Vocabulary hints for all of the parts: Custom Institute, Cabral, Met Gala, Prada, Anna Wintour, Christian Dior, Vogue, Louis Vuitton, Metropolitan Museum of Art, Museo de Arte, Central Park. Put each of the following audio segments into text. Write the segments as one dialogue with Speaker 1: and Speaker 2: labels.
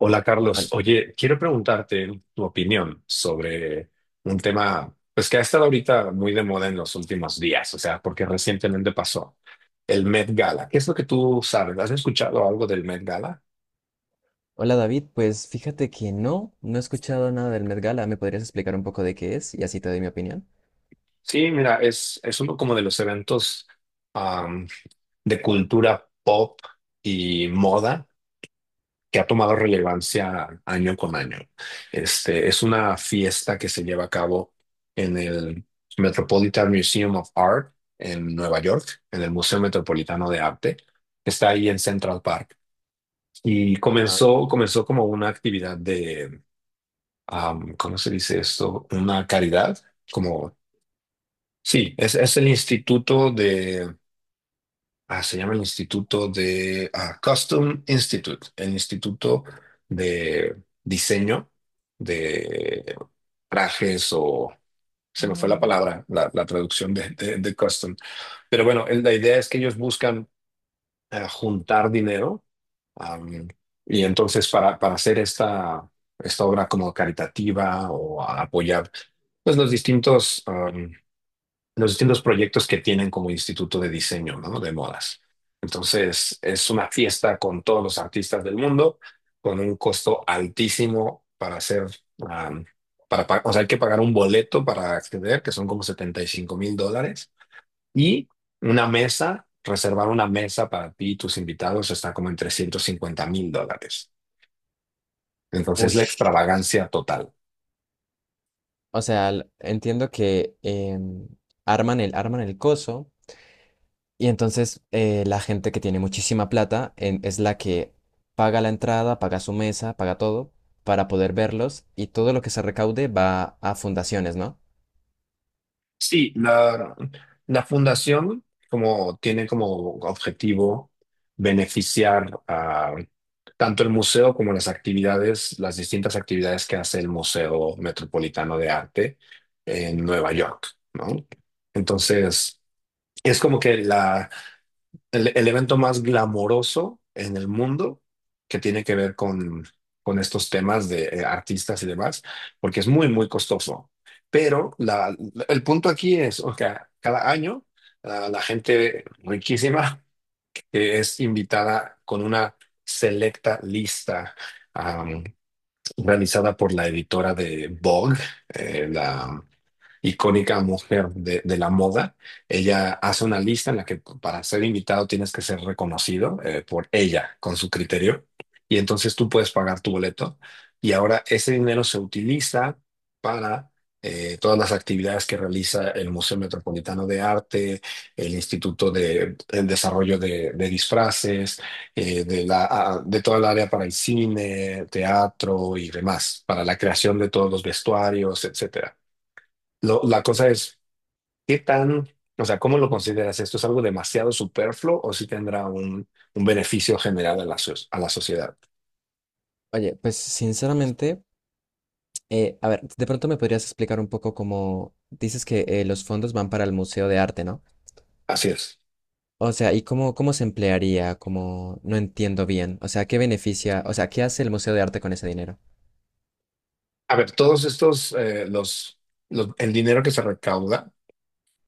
Speaker 1: Hola Carlos,
Speaker 2: Hol-
Speaker 1: oye, quiero preguntarte tu opinión sobre un tema, pues que ha estado ahorita muy de moda en los últimos días, o sea, porque recientemente pasó el Met Gala. ¿Qué es lo que tú sabes? ¿Has escuchado algo del Met Gala?
Speaker 2: Hola David, pues fíjate que no, he escuchado nada del Met Gala. ¿Me podrías explicar un poco de qué es? Y así te doy mi opinión.
Speaker 1: Sí, mira, es uno como de los eventos am, de cultura pop y moda que ha tomado relevancia año con año. Este, es una fiesta que se lleva a cabo en el Metropolitan Museum of Art en Nueva York, en el Museo Metropolitano de Arte. Está ahí en Central Park. Y
Speaker 2: Ajá.
Speaker 1: comenzó como una actividad de, ¿cómo se dice esto? Una caridad, como, sí, es el Instituto de Ah, se llama el Instituto de Custom Institute, el Instituto de Diseño de Trajes o se me fue la palabra, la traducción de, de Custom. Pero bueno, el- la idea es que ellos buscan juntar dinero am, y entonces para hacer esta, esta obra como caritativa o a apoyar pues los distintos proyectos que tienen como instituto de diseño, ¿no? De modas. Entonces, es una fiesta con todos los artistas del mundo, con un costo altísimo para hacer, am, para, pa- o sea, hay que pagar un boleto para acceder, que son como 75.000 dólares, y una mesa, reservar una mesa para ti y tus invitados está como en 350.000 dólares. Entonces, la
Speaker 2: Ush.
Speaker 1: extravagancia total.
Speaker 2: O sea, entiendo que arman arman el coso y entonces la gente que tiene muchísima plata es la que paga la entrada, paga su mesa, paga todo para poder verlos y todo lo que se recaude va a fundaciones, ¿no?
Speaker 1: Sí, la fundación como tiene como objetivo beneficiar a tanto el museo como las actividades, las distintas actividades que hace el Museo Metropolitano de Arte en Nueva York, ¿no? Entonces, es como que la, el evento más glamoroso en el mundo que tiene que ver con estos temas de artistas y demás, porque es muy, muy costoso. Pero la- el punto aquí es, o sea, cada año la, la gente riquísima que es invitada con una selecta lista am, realizada por la editora de Vogue, la, icónica mujer de la moda. Ella hace una lista en la que para ser invitado tienes que ser reconocido por ella, con su criterio, y entonces tú puedes pagar tu boleto. Y ahora ese dinero se utiliza para todas las actividades que realiza el Museo Metropolitano de Arte, el Instituto de el Desarrollo de Disfraces, de la, de toda el área para el cine, teatro y demás, para la creación de todos los vestuarios, etcétera. Lo- la cosa es, ¿qué tan, o sea, cómo lo consideras? ¿Esto es algo demasiado superfluo o si tendrá un beneficio general a la, so- a la sociedad?
Speaker 2: Oye, pues sinceramente. A ver, de pronto me podrías explicar un poco cómo dices que los fondos van para el Museo de Arte, ¿no?
Speaker 1: Así es.
Speaker 2: O sea, ¿y cómo, cómo se emplearía? Como no entiendo bien. O sea, ¿qué beneficia? O sea, ¿qué hace el Museo de Arte con ese dinero?
Speaker 1: A ver, todos estos, los- el dinero que se recauda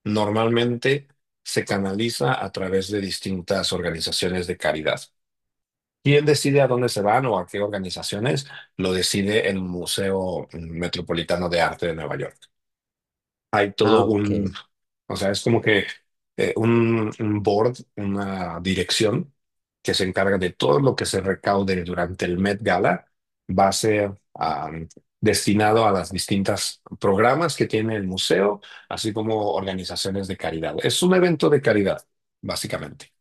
Speaker 1: normalmente se canaliza a través de distintas organizaciones de caridad. ¿Quién decide a dónde se van o a qué organizaciones? Lo decide el Museo Metropolitano de Arte de Nueva York. Hay todo
Speaker 2: Ah, ok.
Speaker 1: un, o sea, es como que un board, una dirección que se encarga de todo lo que se recaude durante el Met Gala, va a ser destinado a las distintas programas que tiene el museo, así como organizaciones de caridad. Es un evento de caridad, básicamente.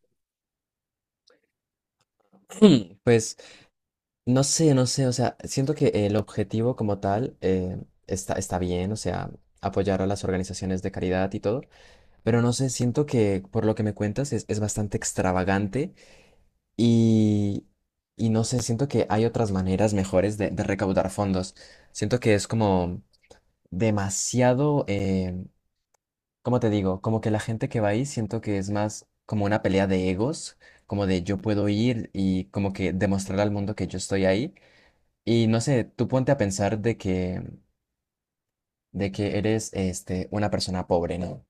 Speaker 2: Pues no sé, no sé. O sea, siento que el objetivo como tal está, está bien, o sea, apoyar a las organizaciones de caridad y todo. Pero no sé, siento que por lo que me cuentas es bastante extravagante. Y, y no sé, siento que hay otras maneras mejores de recaudar fondos. Siento que es como demasiado, ¿cómo te digo? Como que la gente que va ahí siento que es más como una pelea de egos, como de yo puedo ir y como que demostrar al mundo que yo estoy ahí. Y no sé, tú ponte a pensar de que eres este, una persona pobre, ¿no?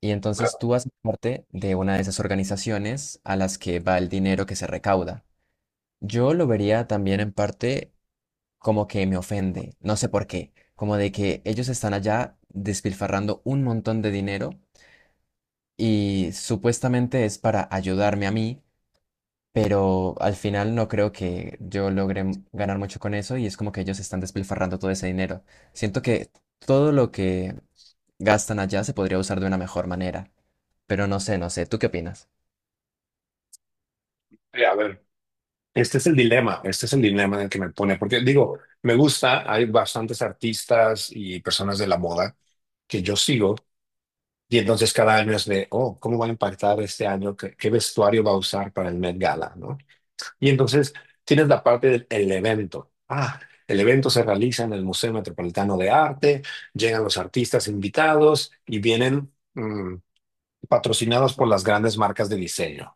Speaker 2: Y entonces tú haces parte de una de esas organizaciones a las que va el dinero que se recauda. Yo lo vería también en parte como que me ofende, no sé por qué, como de que ellos están allá despilfarrando un montón de dinero y supuestamente es para ayudarme a mí, pero al final no creo que yo logre ganar mucho con eso y es como que ellos están despilfarrando todo ese dinero. Siento que todo lo que gastan allá se podría usar de una mejor manera, pero no sé, no sé, ¿tú qué opinas?
Speaker 1: A ver, este es el dilema, este es el dilema en el que me pone, porque digo, me gusta, hay bastantes artistas y personas de la moda que yo sigo. Y entonces cada año es de, oh, ¿cómo va a impactar este año? ¿Qué, qué vestuario va a usar para el Met Gala, ¿no? Y entonces tienes la parte del el evento. Ah, el evento se realiza en el Museo Metropolitano de Arte, llegan los artistas invitados y vienen patrocinados por las grandes marcas de diseño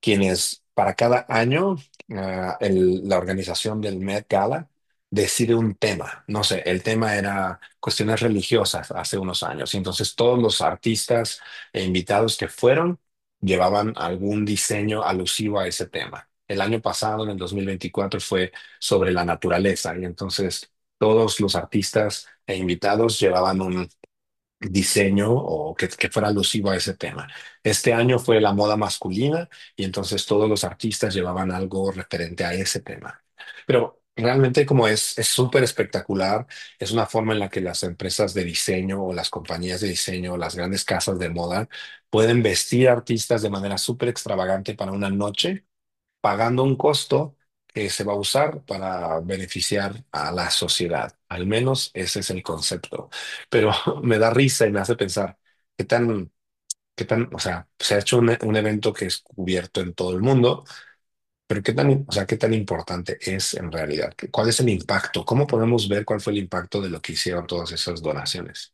Speaker 1: quienes para cada año el- la organización del Met Gala decide un tema. No sé, el tema era cuestiones religiosas hace unos años. Y entonces todos los artistas e invitados que fueron llevaban algún diseño alusivo a ese tema. El año pasado, en el 2024, fue sobre la naturaleza. Y entonces todos los artistas e invitados llevaban diseño o que fuera alusivo a ese tema. Este año fue la moda masculina y entonces todos los artistas llevaban algo referente a ese tema. Pero realmente como es súper espectacular, es una forma en la que las empresas de diseño o las compañías de diseño o las grandes casas de moda pueden vestir artistas de manera súper extravagante para una noche pagando un costo que se va a usar para beneficiar a la sociedad. Al menos ese es el concepto. Pero me da risa y me hace pensar qué tan, qué tan, o sea, se ha hecho un evento que es cubierto en todo el mundo, pero qué tan, o sea, qué tan importante es en realidad. ¿Cuál es el impacto? ¿Cómo podemos ver cuál fue el impacto de lo que hicieron todas esas donaciones?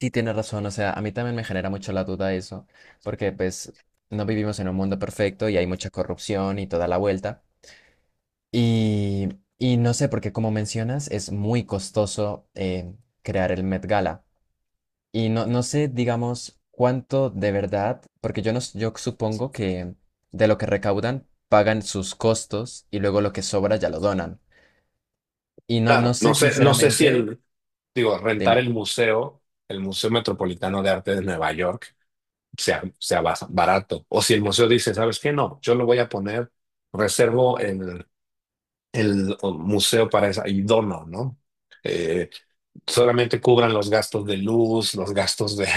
Speaker 2: Sí, tienes razón, o sea, a mí también me genera mucho la duda eso, porque pues no vivimos en un mundo perfecto y hay mucha corrupción y toda la vuelta. Y, y no sé, porque como mencionas, es muy costoso crear el Met Gala. Y no, no sé, digamos, cuánto de verdad, porque yo, no, yo supongo que de lo que recaudan pagan sus costos y luego lo que sobra ya lo donan. Y no, no
Speaker 1: Claro, no
Speaker 2: sé,
Speaker 1: sé, no sé si
Speaker 2: sinceramente,
Speaker 1: el, digo, rentar
Speaker 2: dime.
Speaker 1: el Museo Metropolitano de Arte de Nueva York sea, sea bas- barato. O si el museo dice, ¿sabes qué? No, yo lo voy a poner, reservo el museo para esa y dono, ¿no? Eh, solamente cubran los gastos de luz, los gastos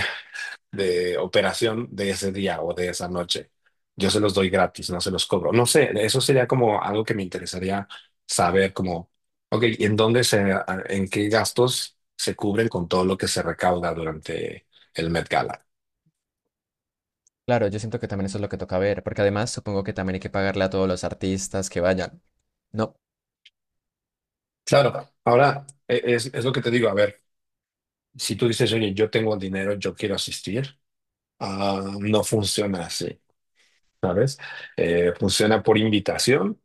Speaker 1: de operación de ese día o de esa noche. Yo se los doy gratis, no se los cobro. No sé, eso sería como algo que me interesaría saber, como, ok, ¿en dónde se, en qué gastos se cubren con todo lo que se recauda durante el Met Gala?
Speaker 2: Claro, yo siento que también eso es lo que toca ver, porque además supongo que también hay que pagarle a todos los artistas que vayan. No.
Speaker 1: Claro, ahora e- es lo que te digo, a ver, si tú dices, oye, yo tengo dinero, yo quiero asistir, ah, no funciona así, ¿sabes? Funciona por invitación,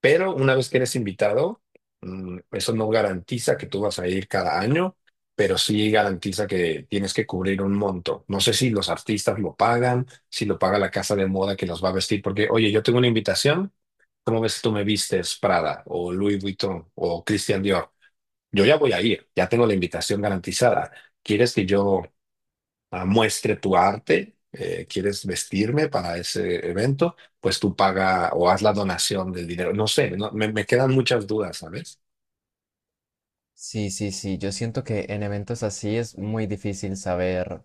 Speaker 1: pero una vez que eres invitado, eso no garantiza que tú vas a ir cada año, pero sí garantiza que tienes que cubrir un monto. No sé si los artistas lo pagan, si lo paga la casa de moda que los va a vestir, porque, oye, yo tengo una invitación, ¿cómo ves si tú me vistes Prada o Louis Vuitton o Christian Dior? Yo ya voy a ir, ya tengo la invitación garantizada. ¿Quieres que yo muestre tu arte? ¿Quieres vestirme para ese evento? Pues tú paga o haz la donación del dinero. No sé, no- me quedan muchas dudas, ¿sabes?
Speaker 2: Sí, sí, sí, yo siento que en eventos así es muy difícil saber.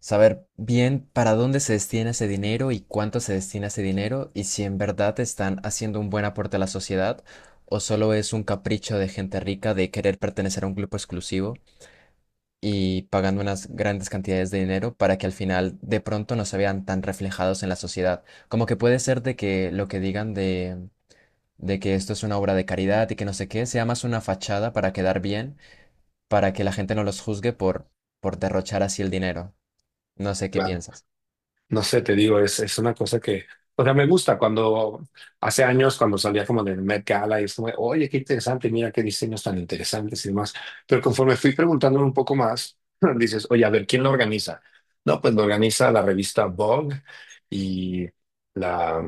Speaker 2: Saber bien para dónde se destina ese dinero y cuánto se destina ese dinero y si en verdad están haciendo un buen aporte a la sociedad o solo es un capricho de gente rica de querer pertenecer a un grupo exclusivo y pagando unas grandes cantidades de dinero para que al final de pronto no se vean tan reflejados en la sociedad. Como que puede ser de que lo que digan de… de que esto es una obra de caridad y que no sé qué, sea más una fachada para quedar bien, para que la gente no los juzgue por derrochar así el dinero. No sé qué piensas.
Speaker 1: No sé, te digo, es una cosa que, o sea, me gusta cuando hace años, cuando salía como del Met Gala y es como, oye, qué interesante, mira qué diseños tan interesantes y demás. Pero conforme fui preguntándome un poco más, dices, oye, a ver, ¿quién lo organiza? No, pues lo organiza la revista Vogue y la,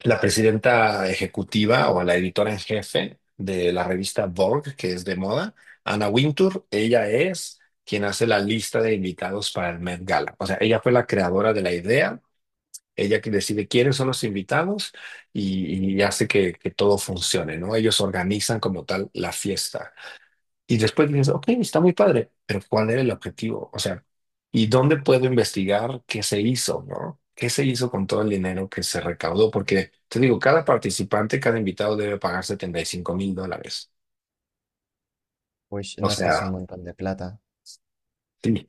Speaker 1: la presidenta ejecutiva o la editora en jefe de la revista Vogue, que es de moda, Anna Wintour, ella es quien hace la lista de invitados para el Met Gala. O sea, ella fue la creadora de la idea, ella que decide quiénes son los invitados y hace que todo funcione, ¿no? Ellos organizan como tal la fiesta. Y después dices, ok, está muy padre, pero ¿cuál era el objetivo? O sea, ¿y dónde puedo investigar qué se hizo, no? ¿Qué se hizo con todo el dinero que se recaudó? Porque te digo, cada participante, cada invitado debe pagar 75.000 dólares.
Speaker 2: Uy,
Speaker 1: O
Speaker 2: no, es que es un
Speaker 1: sea,
Speaker 2: montón de plata.
Speaker 1: sí.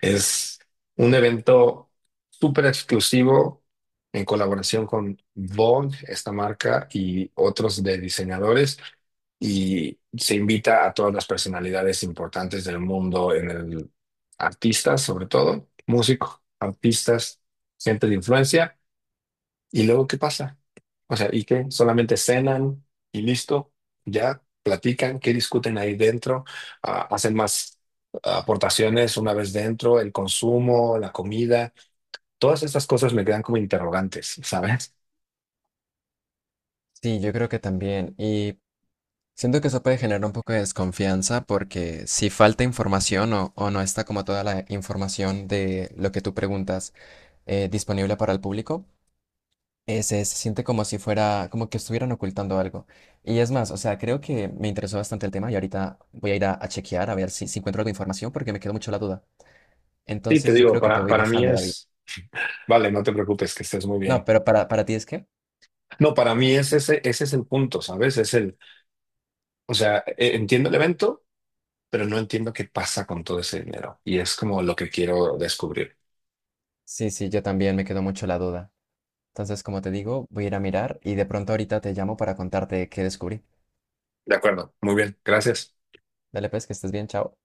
Speaker 1: Es un evento súper exclusivo en colaboración con Vogue, esta marca, y otros de diseñadores. Y se invita a todas las personalidades importantes del mundo en el artistas, sobre todo, músicos, artistas, gente de influencia. ¿Y luego qué pasa? O sea, ¿y qué? ¿Solamente cenan y listo? ¿Ya platican? ¿Qué discuten ahí dentro? Ah, ¿hacen más aportaciones una vez dentro? ¿El consumo, la comida? Todas estas cosas me quedan como interrogantes, ¿sabes?
Speaker 2: Sí, yo creo que también. Y siento que eso puede generar un poco de desconfianza porque si falta información o no está como toda la información de lo que tú preguntas disponible para el público, se siente como si fuera, como que estuvieran ocultando algo. Y es más, o sea, creo que me interesó bastante el tema y ahorita voy a ir a chequear a ver si, si encuentro algo de información porque me quedó mucho la duda.
Speaker 1: Sí, te
Speaker 2: Entonces yo
Speaker 1: digo,
Speaker 2: creo que te voy
Speaker 1: para mí
Speaker 2: dejando, David.
Speaker 1: es... Vale, no te preocupes, que estés muy
Speaker 2: No,
Speaker 1: bien.
Speaker 2: pero para ti es que…
Speaker 1: No, para mí es ese, ese es el punto, ¿sabes? Es el, o sea, e- entiendo el evento, pero no entiendo qué pasa con todo ese dinero. Y es como lo que quiero descubrir.
Speaker 2: Sí, sí, yo también me quedó mucho la duda. Entonces, como te digo, voy a ir a mirar y de pronto ahorita te llamo para contarte qué descubrí.
Speaker 1: De acuerdo, muy bien, gracias.
Speaker 2: Dale pues, que estés bien, chao.